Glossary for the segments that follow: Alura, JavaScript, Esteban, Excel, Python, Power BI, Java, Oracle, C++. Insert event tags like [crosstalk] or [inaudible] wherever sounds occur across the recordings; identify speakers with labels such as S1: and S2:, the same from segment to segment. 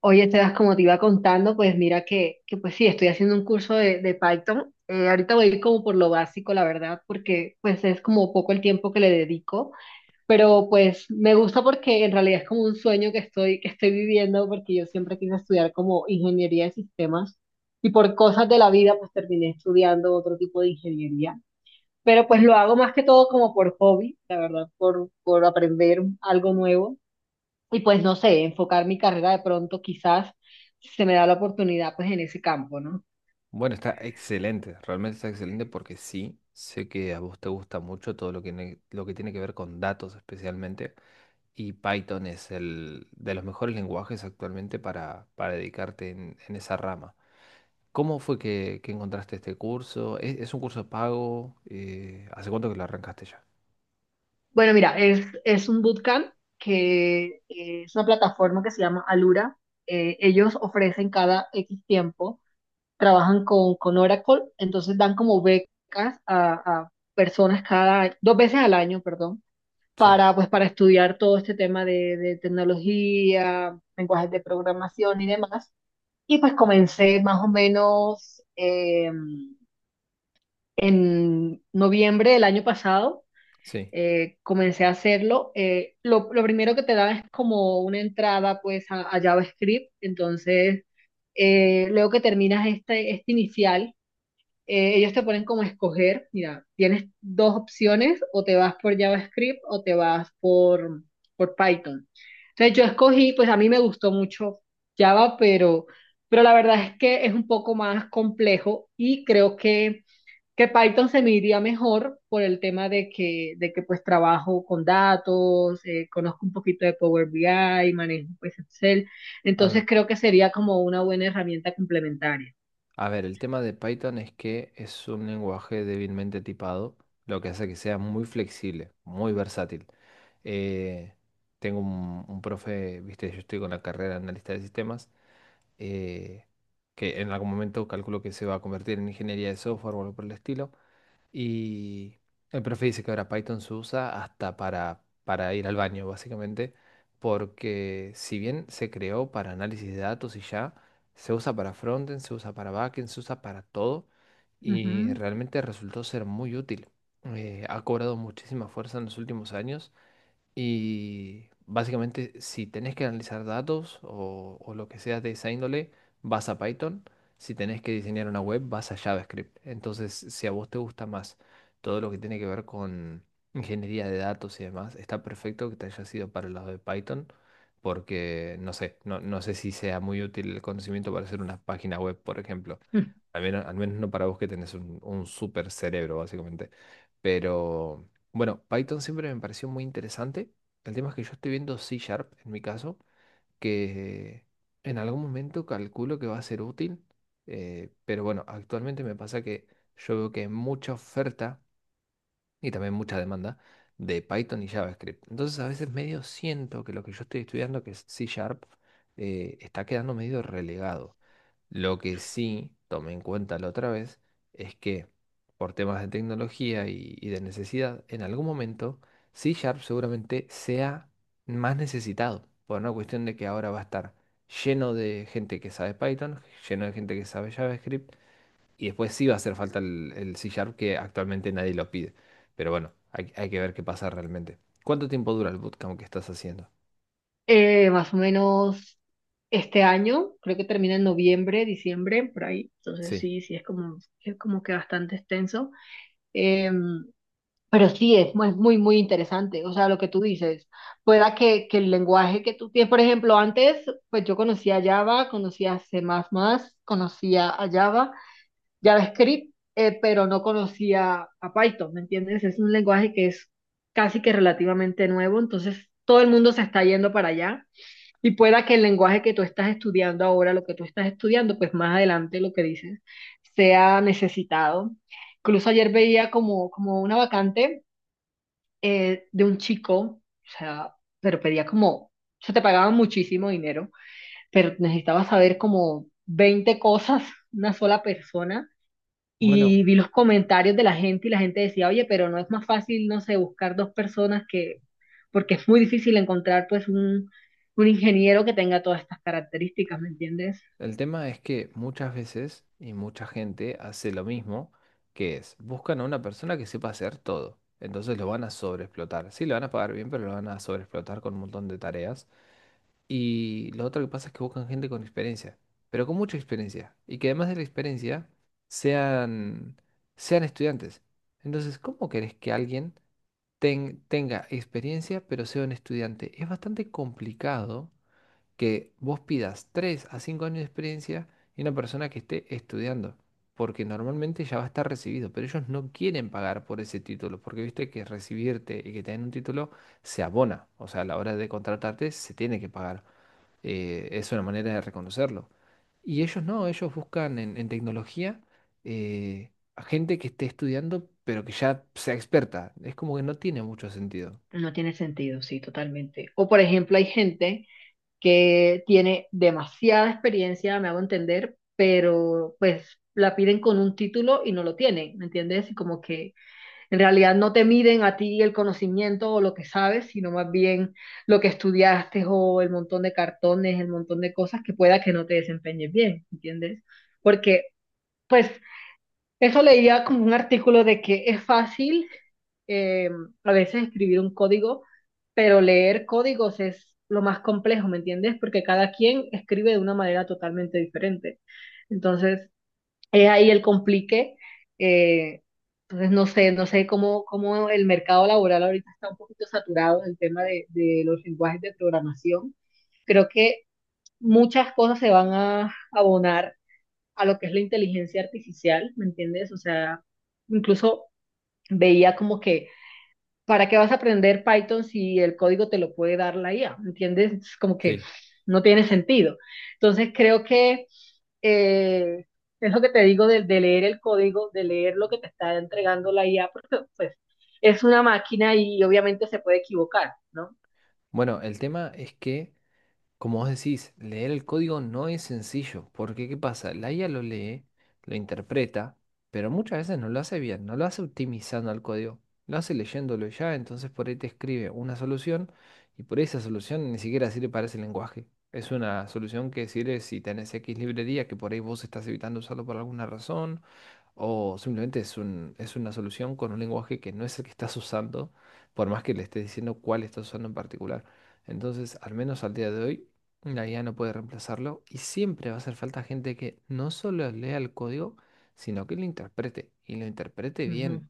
S1: Oye, Esteban, como te iba contando, pues mira que pues sí, estoy haciendo un curso de Python. Ahorita voy a ir como por lo básico, la verdad, porque pues es como poco el tiempo que le dedico, pero pues me gusta porque en realidad es como un sueño que estoy viviendo, porque yo siempre quise estudiar como ingeniería de sistemas y por cosas de la vida pues terminé estudiando otro tipo de ingeniería, pero pues lo hago más que todo como por hobby, la verdad, por aprender algo nuevo. Y pues no sé, enfocar mi carrera de pronto quizás si se me da la oportunidad pues en ese campo, ¿no?
S2: Bueno, está excelente, realmente está excelente porque sí, sé que a vos te gusta mucho todo lo que tiene que ver con datos especialmente y Python es el de los mejores lenguajes actualmente para dedicarte en esa rama. ¿Cómo fue que encontraste este curso? ¿Es un curso pago? ¿Hace cuánto que lo arrancaste ya?
S1: Bueno, mira, es un bootcamp que es una plataforma que se llama Alura. Ellos ofrecen cada X tiempo, trabajan con Oracle, entonces dan como becas a personas cada, dos veces al año, perdón,
S2: Sí,
S1: para pues para estudiar todo este tema de tecnología, lenguajes de programación y demás. Y pues comencé más o menos. En noviembre del año pasado
S2: sí.
S1: comencé a hacerlo. Lo primero que te da es como una entrada pues a JavaScript. Entonces, luego que terminas este inicial, ellos te ponen como a escoger, mira, tienes dos opciones, o te vas por JavaScript o te vas por Python. Entonces yo escogí, pues a mí me gustó mucho Java, pero la verdad es que es un poco más complejo y creo que Python se me iría mejor por el tema de que pues trabajo con datos, conozco un poquito de Power BI, manejo pues Excel, entonces creo que sería como una buena herramienta complementaria.
S2: A ver, el tema de Python es que es un lenguaje débilmente tipado, lo que hace que sea muy flexible, muy versátil. Eh, Tengo un profe, viste, yo estoy con la carrera de analista de sistemas, eh, que en algún momento calculo que se va a convertir en ingeniería de software o algo por el estilo. Y el profe dice que ahora Python se usa hasta para ir al baño, básicamente, porque si bien se creó para análisis de datos y ya, se usa para frontend, se usa para backend, se usa para todo y realmente resultó ser muy útil. Ha cobrado muchísima fuerza en los últimos años y básicamente, si tenés que analizar datos o lo que sea de esa índole, vas a Python. Si tenés que diseñar una web, vas a JavaScript. Entonces, si a vos te gusta más todo lo que tiene que ver con ingeniería de datos y demás, está perfecto que te hayas ido para el lado de Python, porque no sé, no sé si sea muy útil el conocimiento para hacer una página web, por ejemplo.
S1: Ujú.
S2: Al menos no para vos que tenés un super cerebro, básicamente. Pero. Bueno, Python siempre me pareció muy interesante. El tema es que yo estoy viendo C Sharp en mi caso, que en algún momento calculo que va a ser útil, pero bueno, actualmente me pasa que yo veo que hay mucha oferta y también mucha demanda de Python y JavaScript. Entonces a veces medio siento que lo que yo estoy estudiando, que es C Sharp, está quedando medio relegado. Lo que sí tomé en cuenta la otra vez es que por temas de tecnología y de necesidad, en algún momento C Sharp seguramente sea más necesitado, por una cuestión de que ahora va a estar lleno de gente que sabe Python, lleno de gente que sabe JavaScript, y después sí va a hacer falta el C Sharp que actualmente nadie lo pide. Pero bueno, hay que ver qué pasa realmente. ¿Cuánto tiempo dura el bootcamp que estás haciendo?
S1: Más o menos este año, creo que termina en noviembre, diciembre, por ahí, entonces
S2: Sí.
S1: sí, sí es es como que bastante extenso. Em, Pero sí, es muy, muy, muy interesante, o sea, lo que tú dices, que el lenguaje que tú tienes, por ejemplo, antes, pues yo conocía Java, conocía C++, conocía a Java, JavaScript, pero no conocía a Python, ¿me entiendes? Es un lenguaje que es casi que relativamente nuevo, entonces todo el mundo se está yendo para allá y pueda que el lenguaje que tú estás estudiando ahora, lo que tú estás estudiando, pues más adelante lo que dices, sea necesitado. Incluso ayer veía como una vacante de un chico, o sea, pero pedía como, o sea, te pagaban muchísimo dinero, pero necesitaba saber como 20 cosas, una sola persona,
S2: Bueno.
S1: y vi los comentarios de la gente y la gente decía, oye, pero no es más fácil, no sé, buscar 2 personas que, porque es muy difícil encontrar pues un ingeniero que tenga todas estas características, ¿me entiendes?
S2: El tema es que muchas veces y mucha gente hace lo mismo, que es, buscan a una persona que sepa hacer todo. Entonces lo van a sobreexplotar. Sí, lo van a pagar bien, pero lo van a sobreexplotar con un montón de tareas. Y lo otro que pasa es que buscan gente con experiencia, pero con mucha experiencia. Y que además de la experiencia sean, sean estudiantes. Entonces, ¿cómo querés que alguien tenga experiencia pero sea un estudiante? Es bastante complicado que vos pidas 3 a 5 años de experiencia y una persona que esté estudiando, porque normalmente ya va a estar recibido, pero ellos no quieren pagar por ese título, porque viste que recibirte y que te den un título se abona, o sea, a la hora de contratarte se tiene que pagar, es una manera de reconocerlo. Y ellos no, ellos buscan en tecnología a gente que esté estudiando, pero que ya sea experta, es como que no tiene mucho sentido.
S1: No tiene sentido, sí, totalmente. O por ejemplo, hay gente que tiene demasiada experiencia, me hago entender, pero pues la piden con un título y no lo tienen, ¿me entiendes? Y como que en realidad no te miden a ti el conocimiento o lo que sabes, sino más bien lo que estudiaste o el montón de cartones, el montón de cosas que pueda que no te desempeñes bien, ¿me ¿entiendes? Porque pues eso leía como un artículo de que es fácil eh, a veces escribir un código, pero leer códigos es lo más complejo, ¿me entiendes? Porque cada quien escribe de una manera totalmente diferente. Entonces, es ahí el complique. eh, entonces, no sé, no sé cómo, cómo el mercado laboral ahorita está un poquito saturado en el tema de los lenguajes de programación. Creo que muchas cosas se van a abonar a lo que es la inteligencia artificial, ¿me entiendes? O sea, incluso veía como que, ¿para qué vas a aprender Python si el código te lo puede dar la IA? ¿Me entiendes? Es como que
S2: Sí.
S1: no tiene sentido. Entonces creo que eh, es lo que te digo de leer el código, de leer lo que te está entregando la IA, porque pues es una máquina y obviamente se puede equivocar, ¿no?
S2: Bueno, el tema es que como vos decís, leer el código no es sencillo, porque ¿qué pasa? La IA lo lee, lo interpreta, pero muchas veces no lo hace bien, no lo hace optimizando al código, lo hace leyéndolo ya, entonces por ahí te escribe una solución y por ahí esa solución ni siquiera sirve para ese lenguaje. Es una solución que sirve si tenés X librería que por ahí vos estás evitando usarlo por alguna razón o simplemente es una solución con un lenguaje que no es el que estás usando, por más que le estés diciendo cuál estás usando en particular. Entonces, al menos al día de hoy, la IA no puede reemplazarlo y siempre va a hacer falta gente que no solo lea el código, sino que lo interprete y lo interprete
S1: Ujú.
S2: bien.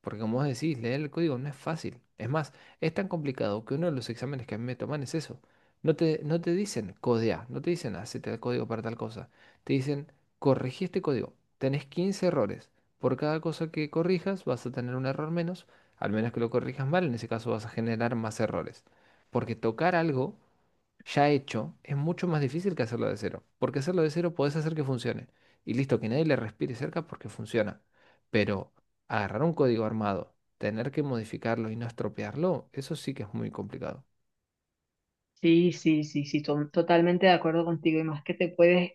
S2: Porque como vos decís, leer el código no es fácil. Es más, es tan complicado que uno de los exámenes que a mí me toman es eso. No te dicen codea, no te dicen hacete el código para tal cosa. Te dicen corregí este código. Tenés 15 errores. Por cada cosa que corrijas vas a tener un error menos, al menos que lo corrijas mal, en ese caso vas a generar más errores. Porque tocar algo ya hecho es mucho más difícil que hacerlo de cero. Porque hacerlo de cero podés hacer que funcione. Y listo, que nadie le respire cerca porque funciona. Pero agarrar un código armado, tener que modificarlo y no estropearlo, eso sí que es muy complicado.
S1: Sí, sí, sí, sí, totalmente de acuerdo contigo. Y más que te puedes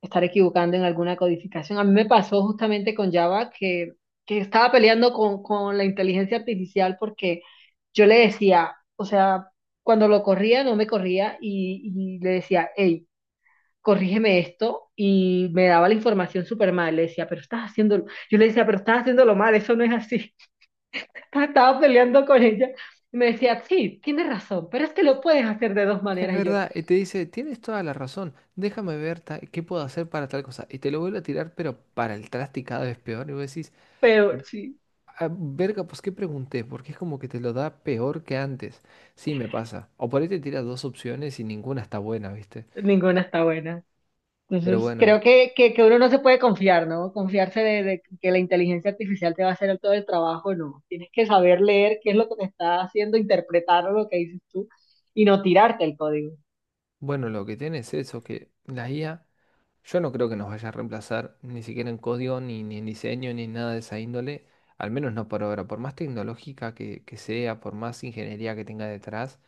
S1: estar equivocando en alguna codificación. A mí me pasó justamente con Java, que estaba peleando con la inteligencia artificial porque yo le decía, o sea, cuando lo corría no me corría y le decía, hey, corrígeme esto y me daba la información súper mal. Le decía, pero estás haciéndolo, yo le decía, pero estás haciéndolo mal, eso no es así. [laughs] Estaba peleando con ella y me decía, sí, tienes razón, pero es que
S2: Eh,
S1: lo puedes hacer de dos
S2: Es
S1: maneras y yo,
S2: verdad, y te dice, tienes toda la razón, déjame ver qué puedo hacer para tal cosa. Y te lo vuelve a tirar, pero para el traste y cada vez peor. Y vos decís,
S1: pero sí,
S2: "Ah, verga, pues qué pregunté, porque es como que te lo da peor que antes. Sí, me pasa. O por ahí te tira dos opciones y ninguna está buena, ¿viste?
S1: ninguna está buena.
S2: Pero
S1: Entonces,
S2: bueno,
S1: creo que uno no se puede confiar, ¿no? Confiarse de que la inteligencia artificial te va a hacer todo el trabajo, no. Tienes que saber leer qué es lo que te está haciendo, interpretar lo que dices tú y no tirarte el código.
S2: bueno, lo que tiene es eso, que la IA, yo no creo que nos vaya a reemplazar ni siquiera en código, ni en diseño, ni en nada de esa índole, al menos no por ahora, por más tecnológica que sea, por más ingeniería que tenga detrás,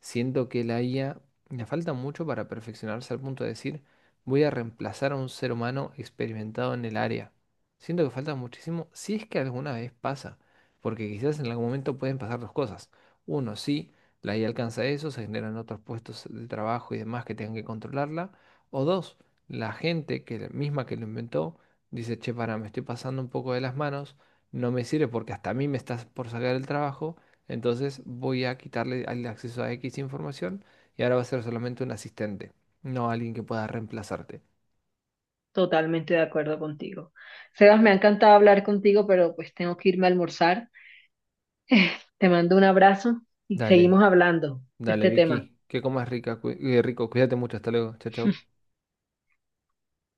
S2: siento que la IA le falta mucho para perfeccionarse al punto de decir, voy a reemplazar a un ser humano experimentado en el área. Siento que falta muchísimo, si es que alguna vez pasa, porque quizás en algún momento pueden pasar dos cosas. Uno, sí, la IA alcanza eso, se generan otros puestos de trabajo y demás que tengan que controlarla. O dos, la gente que misma que lo inventó dice, che, para, me estoy pasando un poco de las manos, no me sirve porque hasta a mí me estás por sacar el trabajo entonces voy a quitarle el acceso a X información y ahora va a ser solamente un asistente, no alguien que pueda reemplazarte.
S1: Totalmente de acuerdo contigo. Sebas, me ha encantado hablar contigo, pero pues tengo que irme a almorzar. Te mando un abrazo y seguimos
S2: Dale,
S1: hablando de
S2: dale,
S1: este tema.
S2: Vicky, que comas rica, rico, cuídate mucho, hasta luego, chao, chao.